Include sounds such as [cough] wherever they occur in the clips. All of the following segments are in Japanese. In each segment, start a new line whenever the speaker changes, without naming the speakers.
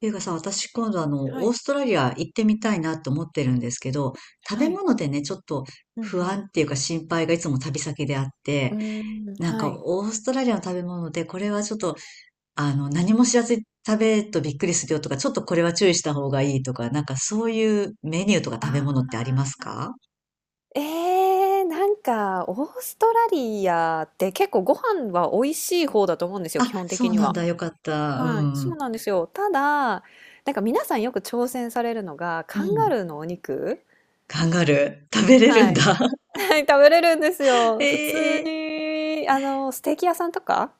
ていうかさ、私今度
は
オー
い、
ストラリア行ってみたいなと思ってるんですけど、食べ
はい。
物でね、ちょっと
うん
不
うん。
安っていうか心配がいつも旅先であっ
う
て、
ーん、
なん
は
か
い。
オーストラリアの食べ物でこれはちょっと、何も知らずに食べるとびっくりするよとか、ちょっとこれは注意した方がいいとか、なんかそういうメニューとか食べ物ってありますか。
えなんかオーストラリアって結構ご飯は美味しい方だと思うんですよ、基
あ、
本
そ
的
う
に
なん
は。
だ。よかった。う
はい。そ
ん。
うなんですよ。ただ、なんか皆さんよく挑戦されるのが、
う
カンガ
ん。
ルーのお肉。
カンガルー。食べれる
は
んだ。
い。はい、[laughs] 食べれるんですよ。普通
[laughs] ええ。
に、あの、ステーキ屋さんとか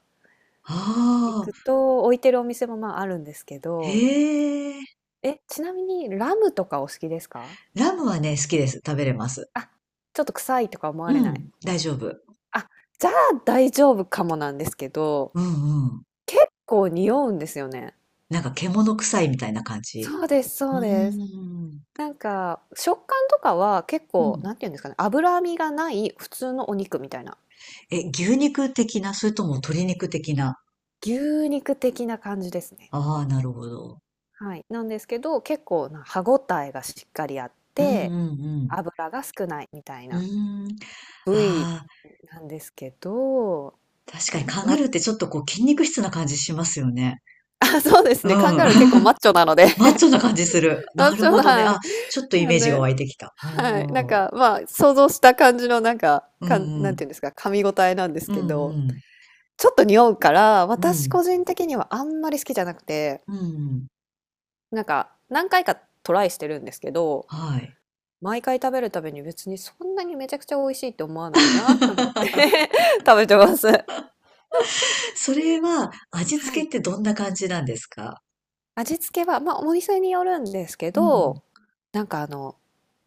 行
ああ、
くと置いてるお店も、まあ、あるんですけど、
へえ。
え、ちなみにラムとかお好きですか？
ラムはね、好きです。食べれます。
あ、ちょっと臭いとか思わ
う
れない？
ん、大丈夫。
あ、じゃあ大丈夫かもなんですけど、
うんうん。
こう匂うんですよね。
なんか獣臭いみたいな感じ。
そうです、
う
そう
ー
です。
ん。
なんか、食感とかは結
う
構、
ん。
なんていうんですかね、脂身がない普通のお肉みたいな、
え、牛肉的な、それとも鶏肉的な。
牛肉的な感じですね。
ああ、なるほど。
はい。なんですけど、結構な歯ごたえがしっかりあっ
うん
て、
うん
脂が少ないみたい
う
な
ん。うーん。
部位
ああ、
なんですけど、
確かにカンガ
わ。
ルー
[laughs]
ってちょっとこう筋肉質な感じしますよね。
あ、そうです
う
ね、カン
ん。
ガルー結構
[laughs]
マッチョなので
マッチョな感じする。
[laughs]、マッ
な
チ
る
ョ
ほどね。
な、
あ、ちょっとイ
な
メ
ん
ージが
で、
湧いてきた。
はい、なん
おー。
か、まあ、想像した感じの、なんか、
う
かん、
んう
なん
ん。
ていうんですか、噛み応えなんです
う
けど、
ん
ちょっと匂うから、
うん。う
私
ん。
個人的にはあんまり好きじゃなくて、
うんうん。
なんか、何回かトライしてるんですけど、
はい。
毎回食べるたびに別にそんなにめちゃくちゃ美味しいって思わないなって思って [laughs] 食べてます。
それは味
は
付けっ
い。
てどんな感じなんですか。
味付けは、まあ、お店によるんですけ
うん。
ど、なんかあの、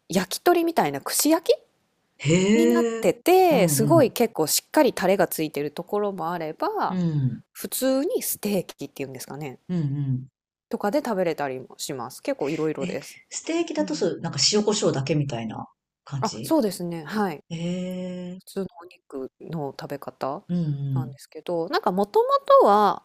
焼き鳥みたいな串焼きになっ
へえ。
て
うん
て、す
う
ご
ん。
い結構しっかりタレがついてるところもあれ
う
ば、
ん。
普通にステーキっていうんですかね、
うんうん。
とかで食べれたりもします。結構いろいろ
え、
です。
ステーキだ
う
と
ん。
そう、なんか塩コショウだけみたいな感
あ、
じ。
そうですね、はい。
へえ。
普通のお肉の食べ方
うんう
なんで
ん。
すけど、なんかもともとは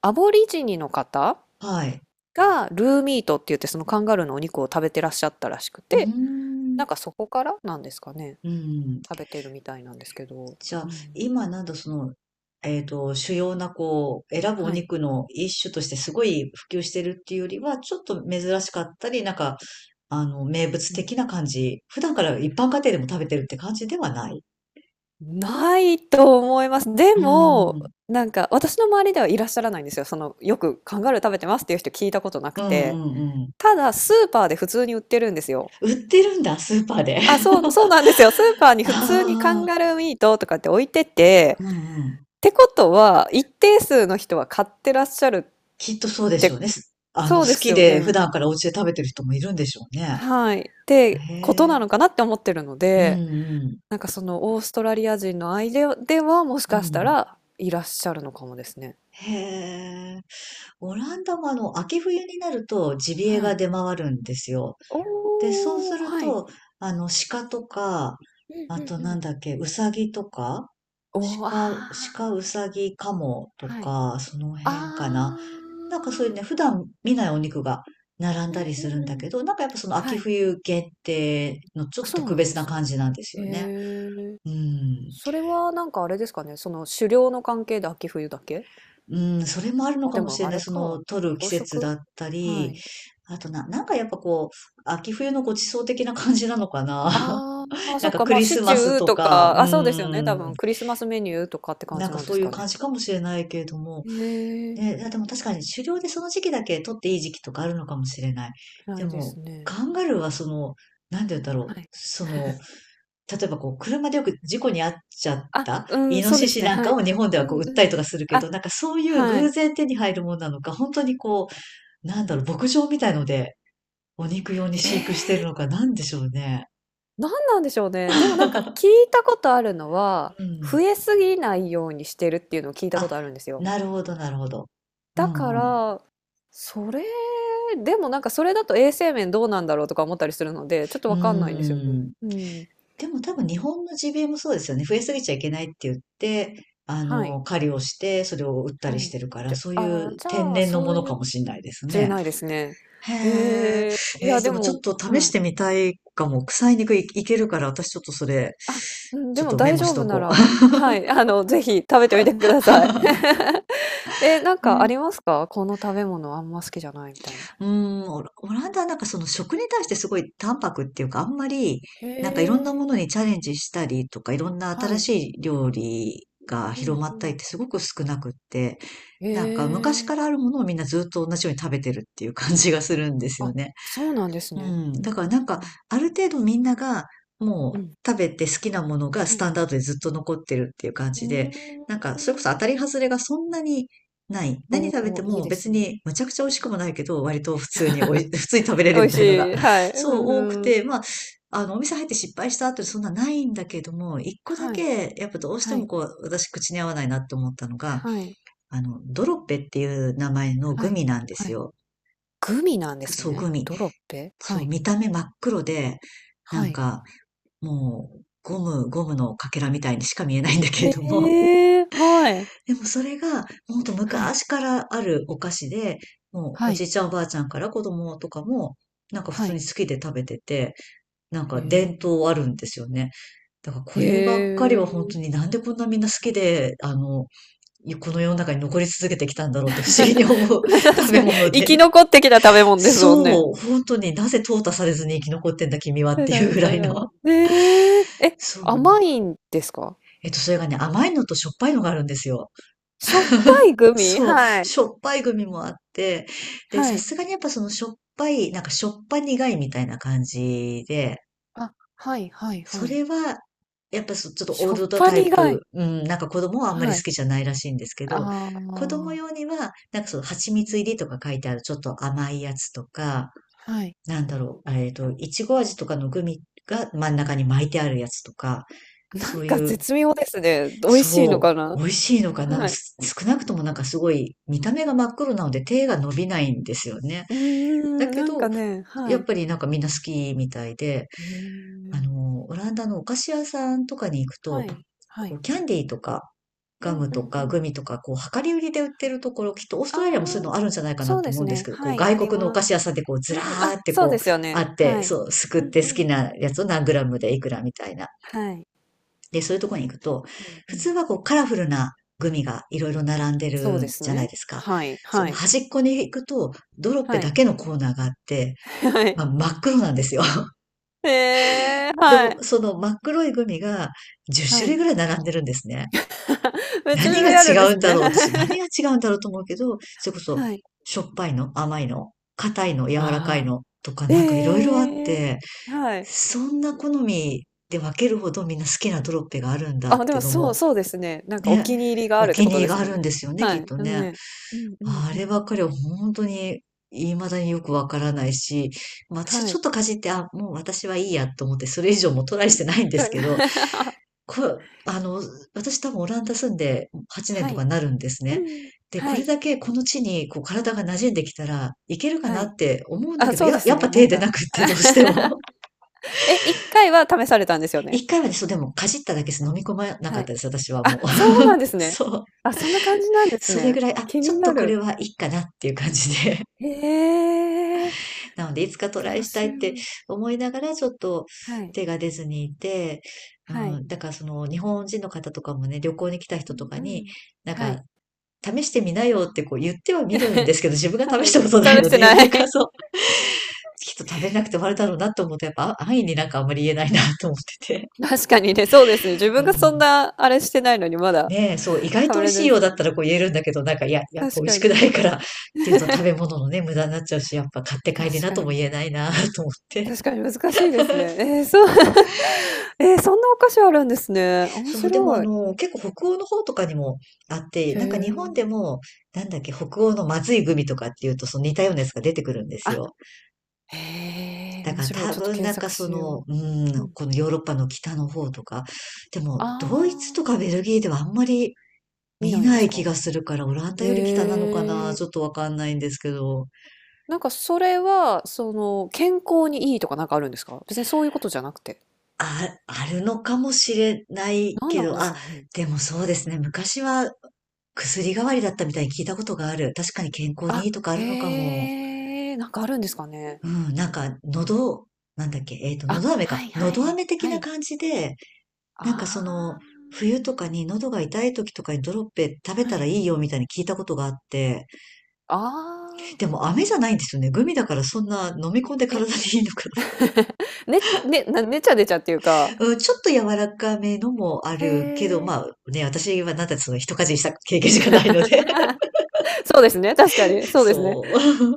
アボリジニの方
はい。
がルーミートって言ってそのカンガルーのお肉を食べてらっしゃったらしく
うー
て、
ん。
なんかそこからなんですかね、
うん。
食べてるみたいなんですけど。
じゃ
う
あ、
ん。
今なんだその、主要なこう、選ぶお
はい。
肉の一種としてすごい普及してるっていうよりは、ちょっと珍しかったり、なんか名物的な感じ。普段から一般家庭でも食べてるって感じではない。
ないと思います。で
うー
も、
ん。
なんか私の周りではいらっしゃらないんですよ。その、よくカンガルー食べてますっていう人聞いたことなく
うんう
て。
んうん。
ただ、スーパーで普通に売ってるんですよ。
売ってるんだ、スーパーで。
あ、そうそうなんですよ。スーパー
[laughs]
に普通にカ
あ
ン
あ、
ガルーミートとかって置いてて、
うんうん。
ってことは、一定数の人は買ってらっしゃるっ
きっとそうでしょ
て。
うね。す
そう
好
です
き
よ
で普
ね。
段からお家で食べてる人もいるんでしょうね。
はい。って
へ
ことな
え。
のかなって思ってるの
うん
で、
うん。
なんかその、オーストラリア人の間では、もし
う
かした
ん。
らいらっしゃるのかもですね。
へえ。オランダも秋冬になるとジビエ
は
が
い。
出回るんですよ。で、そう
お
す
お、
る
はい。
と、鹿とか、
うん
あ
うん
と
う
な
ん。
んだっけ、うさぎとか、
おお、あ
鹿、
あ、
鹿、うさぎ、カモと
はい。
か、その
あ
辺かな。なんかそういうね、
あ。
普段見ないお肉が並ん
う
だ
ん
り
う
する
ん
ん
う
だ
ん。
けど、なんかやっぱその
は
秋
い。
冬限定のちょっと
そう
特
なん
別
で
な
すね。
感じなんです
へ
よね。
え。
うん。
それはなんかあれですかね、その狩猟の関係で秋冬だけ？
うん、それもあるの
あ、
か
で
もし
も
れ
あ
ない。
れ
そ
か、養
の、取る季節
殖？
だった
は
り、
い。
あとな、なんかやっぱこう、秋冬のご馳走的な感じなのかな。
ああ、まあ
な
そ
ん
っ
か
か、
ク
ま、あ
リ
シ
ス
チ
マス
ュー
と
と
か、
か、
うー
あ、そうですよね、多
ん、
分クリスマスメニューとかって感
なん
じ
か
なんで
そう
す
いう
か
感
ね。
じかもしれないけれども、
へえ、
ね、いやでも確かに狩猟でその時期だけ取っていい時期とかあるのかもしれない。
な
で
いで
も、
すね。
カンガルーはその、なんて言うんだろう、
はい。
その、例えばこう、車でよく事故に遭っちゃっ
あ、
た
う
イ
ん、
ノ
そう
シ
です
シ
ね、
なん
は
か
い。
を日本で
う
はこう、売
ん
っ
う
たりと
ん。
かするけ
あ、
ど、なんかそういう
は
偶
い。
然手に入るものなのか、本当にこう、なんだろう、牧場みたいので、お肉用に
え
飼育してる
え。
のか、なんでしょうね。
なんなんでしょうね。でもなんか聞
[laughs]
いたことあるのは、
うん。
増えすぎないようにしてるっていうのを聞いたこ
あ、
とあるんですよ。
なるほど。う
だか
んうん。
ら、それ、でもなんかそれだと衛生面どうなんだろうとか思ったりするので、ちょっと
うー
わかんないんですよね。
ん。
うん。
でも多分日本の g b もそうですよね。増えすぎちゃいけないって言って、
はい。
狩りをして、それを売ったり
は
し
い。
てるから、
じゃ、
そうい
ああ、
う
じ
天
ゃあ、
然の
そ
も
う
の
いう、
かもしれないです
しれ
ね。
ないですね。
へえ。
ええ、い
え
や
ーで
で
もち
も、
ょっと試
は
し
い。
てみたいかも。臭い肉い、いけるから、私ちょっとそれ、
あ、うん、
ち
で
ょっ
も
とメ
大
モ
丈
し
夫
と
な
こう。
らはい、あの、ぜひ食べてみてください。[laughs] え、なん
[laughs] え
かありま
ー
すか？この食べ物あんま好きじゃないみたいな。
うーん、オラオランダはなんかその食に対してすごい淡白っていうか、あんまり、
へ
なんかいろんなもの
え。
にチャレンジしたりとか、いろんな
は
新
い。
しい料理が
う
広
ん
まっ
う
たりっ
ん。
てすごく少なくって、なんか昔
へ
か
え。
らあるものをみんなずっと同じように食べてるっていう感じがするんですよ
あ、
ね。
そうなんです
う
ね。
ん。
うん
だからなんか、
うん
ある程度みんなが、も
うん。
う
うん、
食べて好きなものがス
は
タ
い。
ンダードでずっと残ってるっていう感
う
じで、
ん。う
なんか、
ー
それこそ当
ん。
たり外れがそんなにない。何食べ
お
て
お、いい
も
で
別
す
に
ね。
むちゃくちゃ美
う
味しく
ん。
もないけど、割と普通におい、[laughs] 普通に食べれ
美
るみ
味し
たいのが
い、は
[laughs]、
い。う
そう
ん
多く
うん。
て、まあ、お店入って失敗した後でそんなないんだけども、一個だ
はい、
け、やっぱどうして
は
も
い、
こう、私口に合わないなって思ったのが、
はい、
ドロッペっていう名前の
は
グ
い、
ミなんで
は
す
い。
よ。
グミなんです
そう、
ね。
グミ。
ドロッペ？
そ
は
う、
い、
見た目真っ黒で、な
は
ん
い。
か、もう、ゴムのかけらみたいにしか見えないんだけれども。
へえ、はい。
[laughs] でもそれが、ほんと
はい、
昔からあるお菓子で、もう、
は
おじ
い、
いちゃんおばあちゃんから子供とかも、なんか普
は
通に
い。
好きで食べてて、なん
へ
か伝
え。
統あるんですよね。だからこ
へ
ればっかり
え。
は本当になんでこんなみんな好きで、この世の中に残り続けてきたんだろうって不思議に思
[laughs]
う
確
[laughs] 食べ
かに
物
生き
で。
残ってきた食べ物ですもんね。
そう、本当になぜ淘汰されずに生き残ってんだ君はっ
だ
て
だ
いう
だ
ぐらい
だだ、
の。
え、ええ、
そう。
甘いんですか？
それがね、甘いのとしょっぱいのがあるんですよ。
しょっぱいグミ？
そう、
はい。
しょっぱいグミもあって、で、
は
さ
い。
すがにやっぱそのしょっぱい、なんかしょっぱ苦いみたいな感じで、
あ、はいはい
そ
はい。
れは、やっぱそちょっとオ
し
ー
ょっ
ルド
ぱ
タイ
苦
プ、
い。
うん、なんか子供はあんまり
は
好
い。
きじゃないらしいんですけど、
あ
子供
あ、
用には、なんかその蜂蜜入りとか書いてあるちょっと甘いやつとか、
はい。
なんだろう、いちご味とかのグミが真ん中に巻いてあるやつとか、
な
そ
ん
う
か
いう、
絶妙ですね。美味しいの
そ
か
う、
な？
美味しいのかな、なんか
はい。
す少なくともなんかすごい見た目が真っ黒なので手が伸びないんですよね。
う
だ
ん、ん、
け
なんか
ど、
ね、は
やっ
い。
ぱりなんかみんな好きみたいで、
へえ。
オランダのお菓子屋さんとかに行く
は
と、
い、は
こ
い。
う、キャンディーとか、
う
ガ
ん
ム
う
と
んう
か
ん。
グミとか、こう、量り売りで売っ
は
て
い。
るところ、きっとオース
あ
トラリアもそうい
あ、
うのあるんじゃないか
そ
な
う
と
で
思
す
うんです
ね。
けど、こう、
はい、
外
あり
国のお
ま
菓
す。
子屋さんでこう、ず
う
ら
ん、あ、
ーって
そう
こ
で
う、
すよ
あ
ね。
って、
はい。
そう、すくっ
うん
て
う
好き
ん。
なやつを何グラムでいくらみたいな。
はい。
で、そういうところに行くと、
うんう
普通
ん。
はこう、カラフルなグミがいろいろ並んで
そうで
る
す
じゃない
ね。
ですか。
はい、
そ
は
の
い。
端っこに行くと、ドロッペ
は
だ
い。
けのコーナーがあって、
[laughs] はい。
まあ、真っ黒なんですよ。
へえ、
で
は
も、
い。
その真っ黒いグミが
は
10
い。
種類ぐらい並んでるんですね。
[laughs] めっちゃ種
何が
類あ
違
るんで
う
す
んだ
ね。
ろうっ
[laughs]
て、そう何が違うんだろうと思うけど、それこそ、
はい。
しょっぱいの、甘いの、硬いの、柔らかい
あ
のとか
あ、
なんかいろいろあ
ええ、
って、
はい。
そんな好みで分けるほどみんな好きなドロッペがあるんだっ
あ、で
てい
も
うの
そう
も、
そうですね。なんかお
ね、
気に入りがあ
お
るって
気
こ
に入
と
り
で
が
す
あ
もん
るん
ね。
ですよね、
は
きっ
い。
と
あの
ね。
ね、うんうん
あ
う
れ
ん。
ばっかりは本当に未だによくわからないし、まあ私は
は
ちょ
い。
っとかじって、あ、もう私はいいやと思って、それ以上もトライしてないんですけど、
[laughs]
こ私多分オランダ住んで8年
は
とか
い。
になるんです
う
ね。
ん。
で、こ
はい、
れだけこの地にこう体が馴染んできたらいけるか
は
な
い。
って思うんだ
あ、
けど、
そう
や、
です
やっぱ
ね、なん
手出
か。
なくってどうして
[laughs]
も。
え、1回は試されたんですよ
[laughs]
ね？
1回はね、そう。でも、かじっただけです。飲み込まなか
は
っ
い。
たです、私は
あ、
もう。
そうなんで
[laughs]
すね。
そう。
あ、そんな感じなんです
それ
ね。
ぐらい、あ、
気
ちょ
に
っ
な
とこれ
る。
はいいかなっていう感じで。
へえ、
[laughs] なので、いつかトラ
面
イしたい
白
って
い。
思いながら、ちょっと
はい、
手が出ずにいて、う
はい。
ん、だからその日本人の方とかもね、旅行に来た
う
人と
ん
か
う
に、
ん。
なん
は
か
い。
試してみなよってこう言っては
[laughs]
みるんですけど、自分
は
が試し
い、
たことない
試し
の
て
で、[laughs]
ない。
なんかそう、きっと食べなくて終わるだろうなと思うと、やっぱ安易になんかあんまり言えないなと思ってて。
[laughs] 確かにね、そうですね。自
[laughs] う
分がそん
ん。
なあれしてないのに、まだ、
ねえ、そう、意外
た
と
ま
美味
れ
しい
で
よう
す
だっ
ね。
たらこう言えるんだけど、なんかいや、やっぱ美
確
味
か
しく
に。
ないからっていうと食べ物のね、無駄になっちゃうし、やっぱ買って帰り
確
な
か
とも言え
に。
ないな [laughs] と思って。
確かに難しいですね。ええ、そう。[laughs] ええ、そんなお菓子あるんですね。
[laughs]
面
そう、でもあ
白い。
の、結構北欧の方とかにもあって、
へ
なんか日本で
え。
も、なんだっけ、北欧のまずいグミとかっていうと、その似たようなやつが出てくるんです
あ、
よ。
へえ、
だ
面
から
白い。
多
ちょっと
分
検
なんか
索
そ
しよ
の、
う。
う
う
ん、
ん。
このヨーロッパの北の方とか、でも
あ
ドイツとか
あ、
ベルギーではあんまり
見
見
ないんで
な
す
い気
か？
がするから、オランダ
へ
より北なのかな、
え。
ちょっとわかんないんですけど、
なんかそれは、その、健康にいいとかなんかあるんですか別にそういうことじゃなくて。
あ、あるのかもしれない
何
け
なん
ど、
でし
あ、
ょうね。
でもそうですね、昔は薬代わりだったみたいに聞いたことがある。確かに健康にい
あ、
いとかあるのかも。
へえ、なんかあるんですかね。
うん、なんか喉、なんだっけ、喉
あ、
飴か。
はいは
喉
い。
飴的
は
な
い。
感じで、なんかそ
あ
の、冬とかに喉が痛い時とかにドロッペ食べ
あ。は
たら
い。
いいよみたいに聞いたことがあって、
あ
で
あ。
も飴じゃないんですよね。グミだからそんな飲み込んで
え、
体にいいのかな。
ね、ね、な、ねちゃねちゃっていうか。
[laughs] うん、ちょっと柔らかめのもあるけど、
へえ。
まあね、私はなんだってその一かじりした経験しかないので
[laughs] そうですね。確かに。
[laughs]
そうですね。
そう。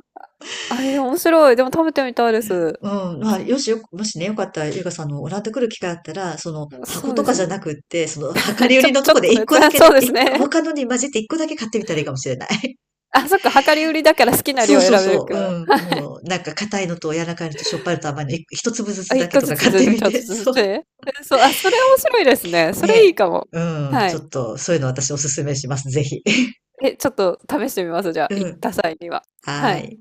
あ、えー、面白い。でも食べてみたいです。
うん、まあ、よしよ、もしね、よかったら、ゆうかさんのオランダ来る機会あったら、その、箱
そう
と
で
か
す
じゃ
ね。
なくって、その、量り
[laughs]
売
ち
り
ょ、
のと
ちょっ
こで
との
一
や
個
つ。
だ
[laughs]
け
そ
ね、
うです
一個、
ね。
他のに混じって一個だけ買ってみたらいいかもしれない。
[laughs] あ、そっか。量り売りだから好きな
そう
量選
そう
べる
そ
か
う、
ら。
うん。もう、なんか硬いのと柔らかいのとしょっぱいのと甘いの、一粒ず
あ、
つだ
1
け
個
と
ず
か [laughs]
つ、
買っ
ず
て
ず
み
ちょっと
て。[laughs]
ずつ
そう。
て。え、そう、あ、それ面白いですね。それいい
ね。
かも。
うん。
は
ち
い。
ょっと、そういうの私おすすめします。ぜひ。[laughs]
え、ちょっと試してみます、じゃあ、
う
行っ
ん。
た際には。は
は
い。
ーい。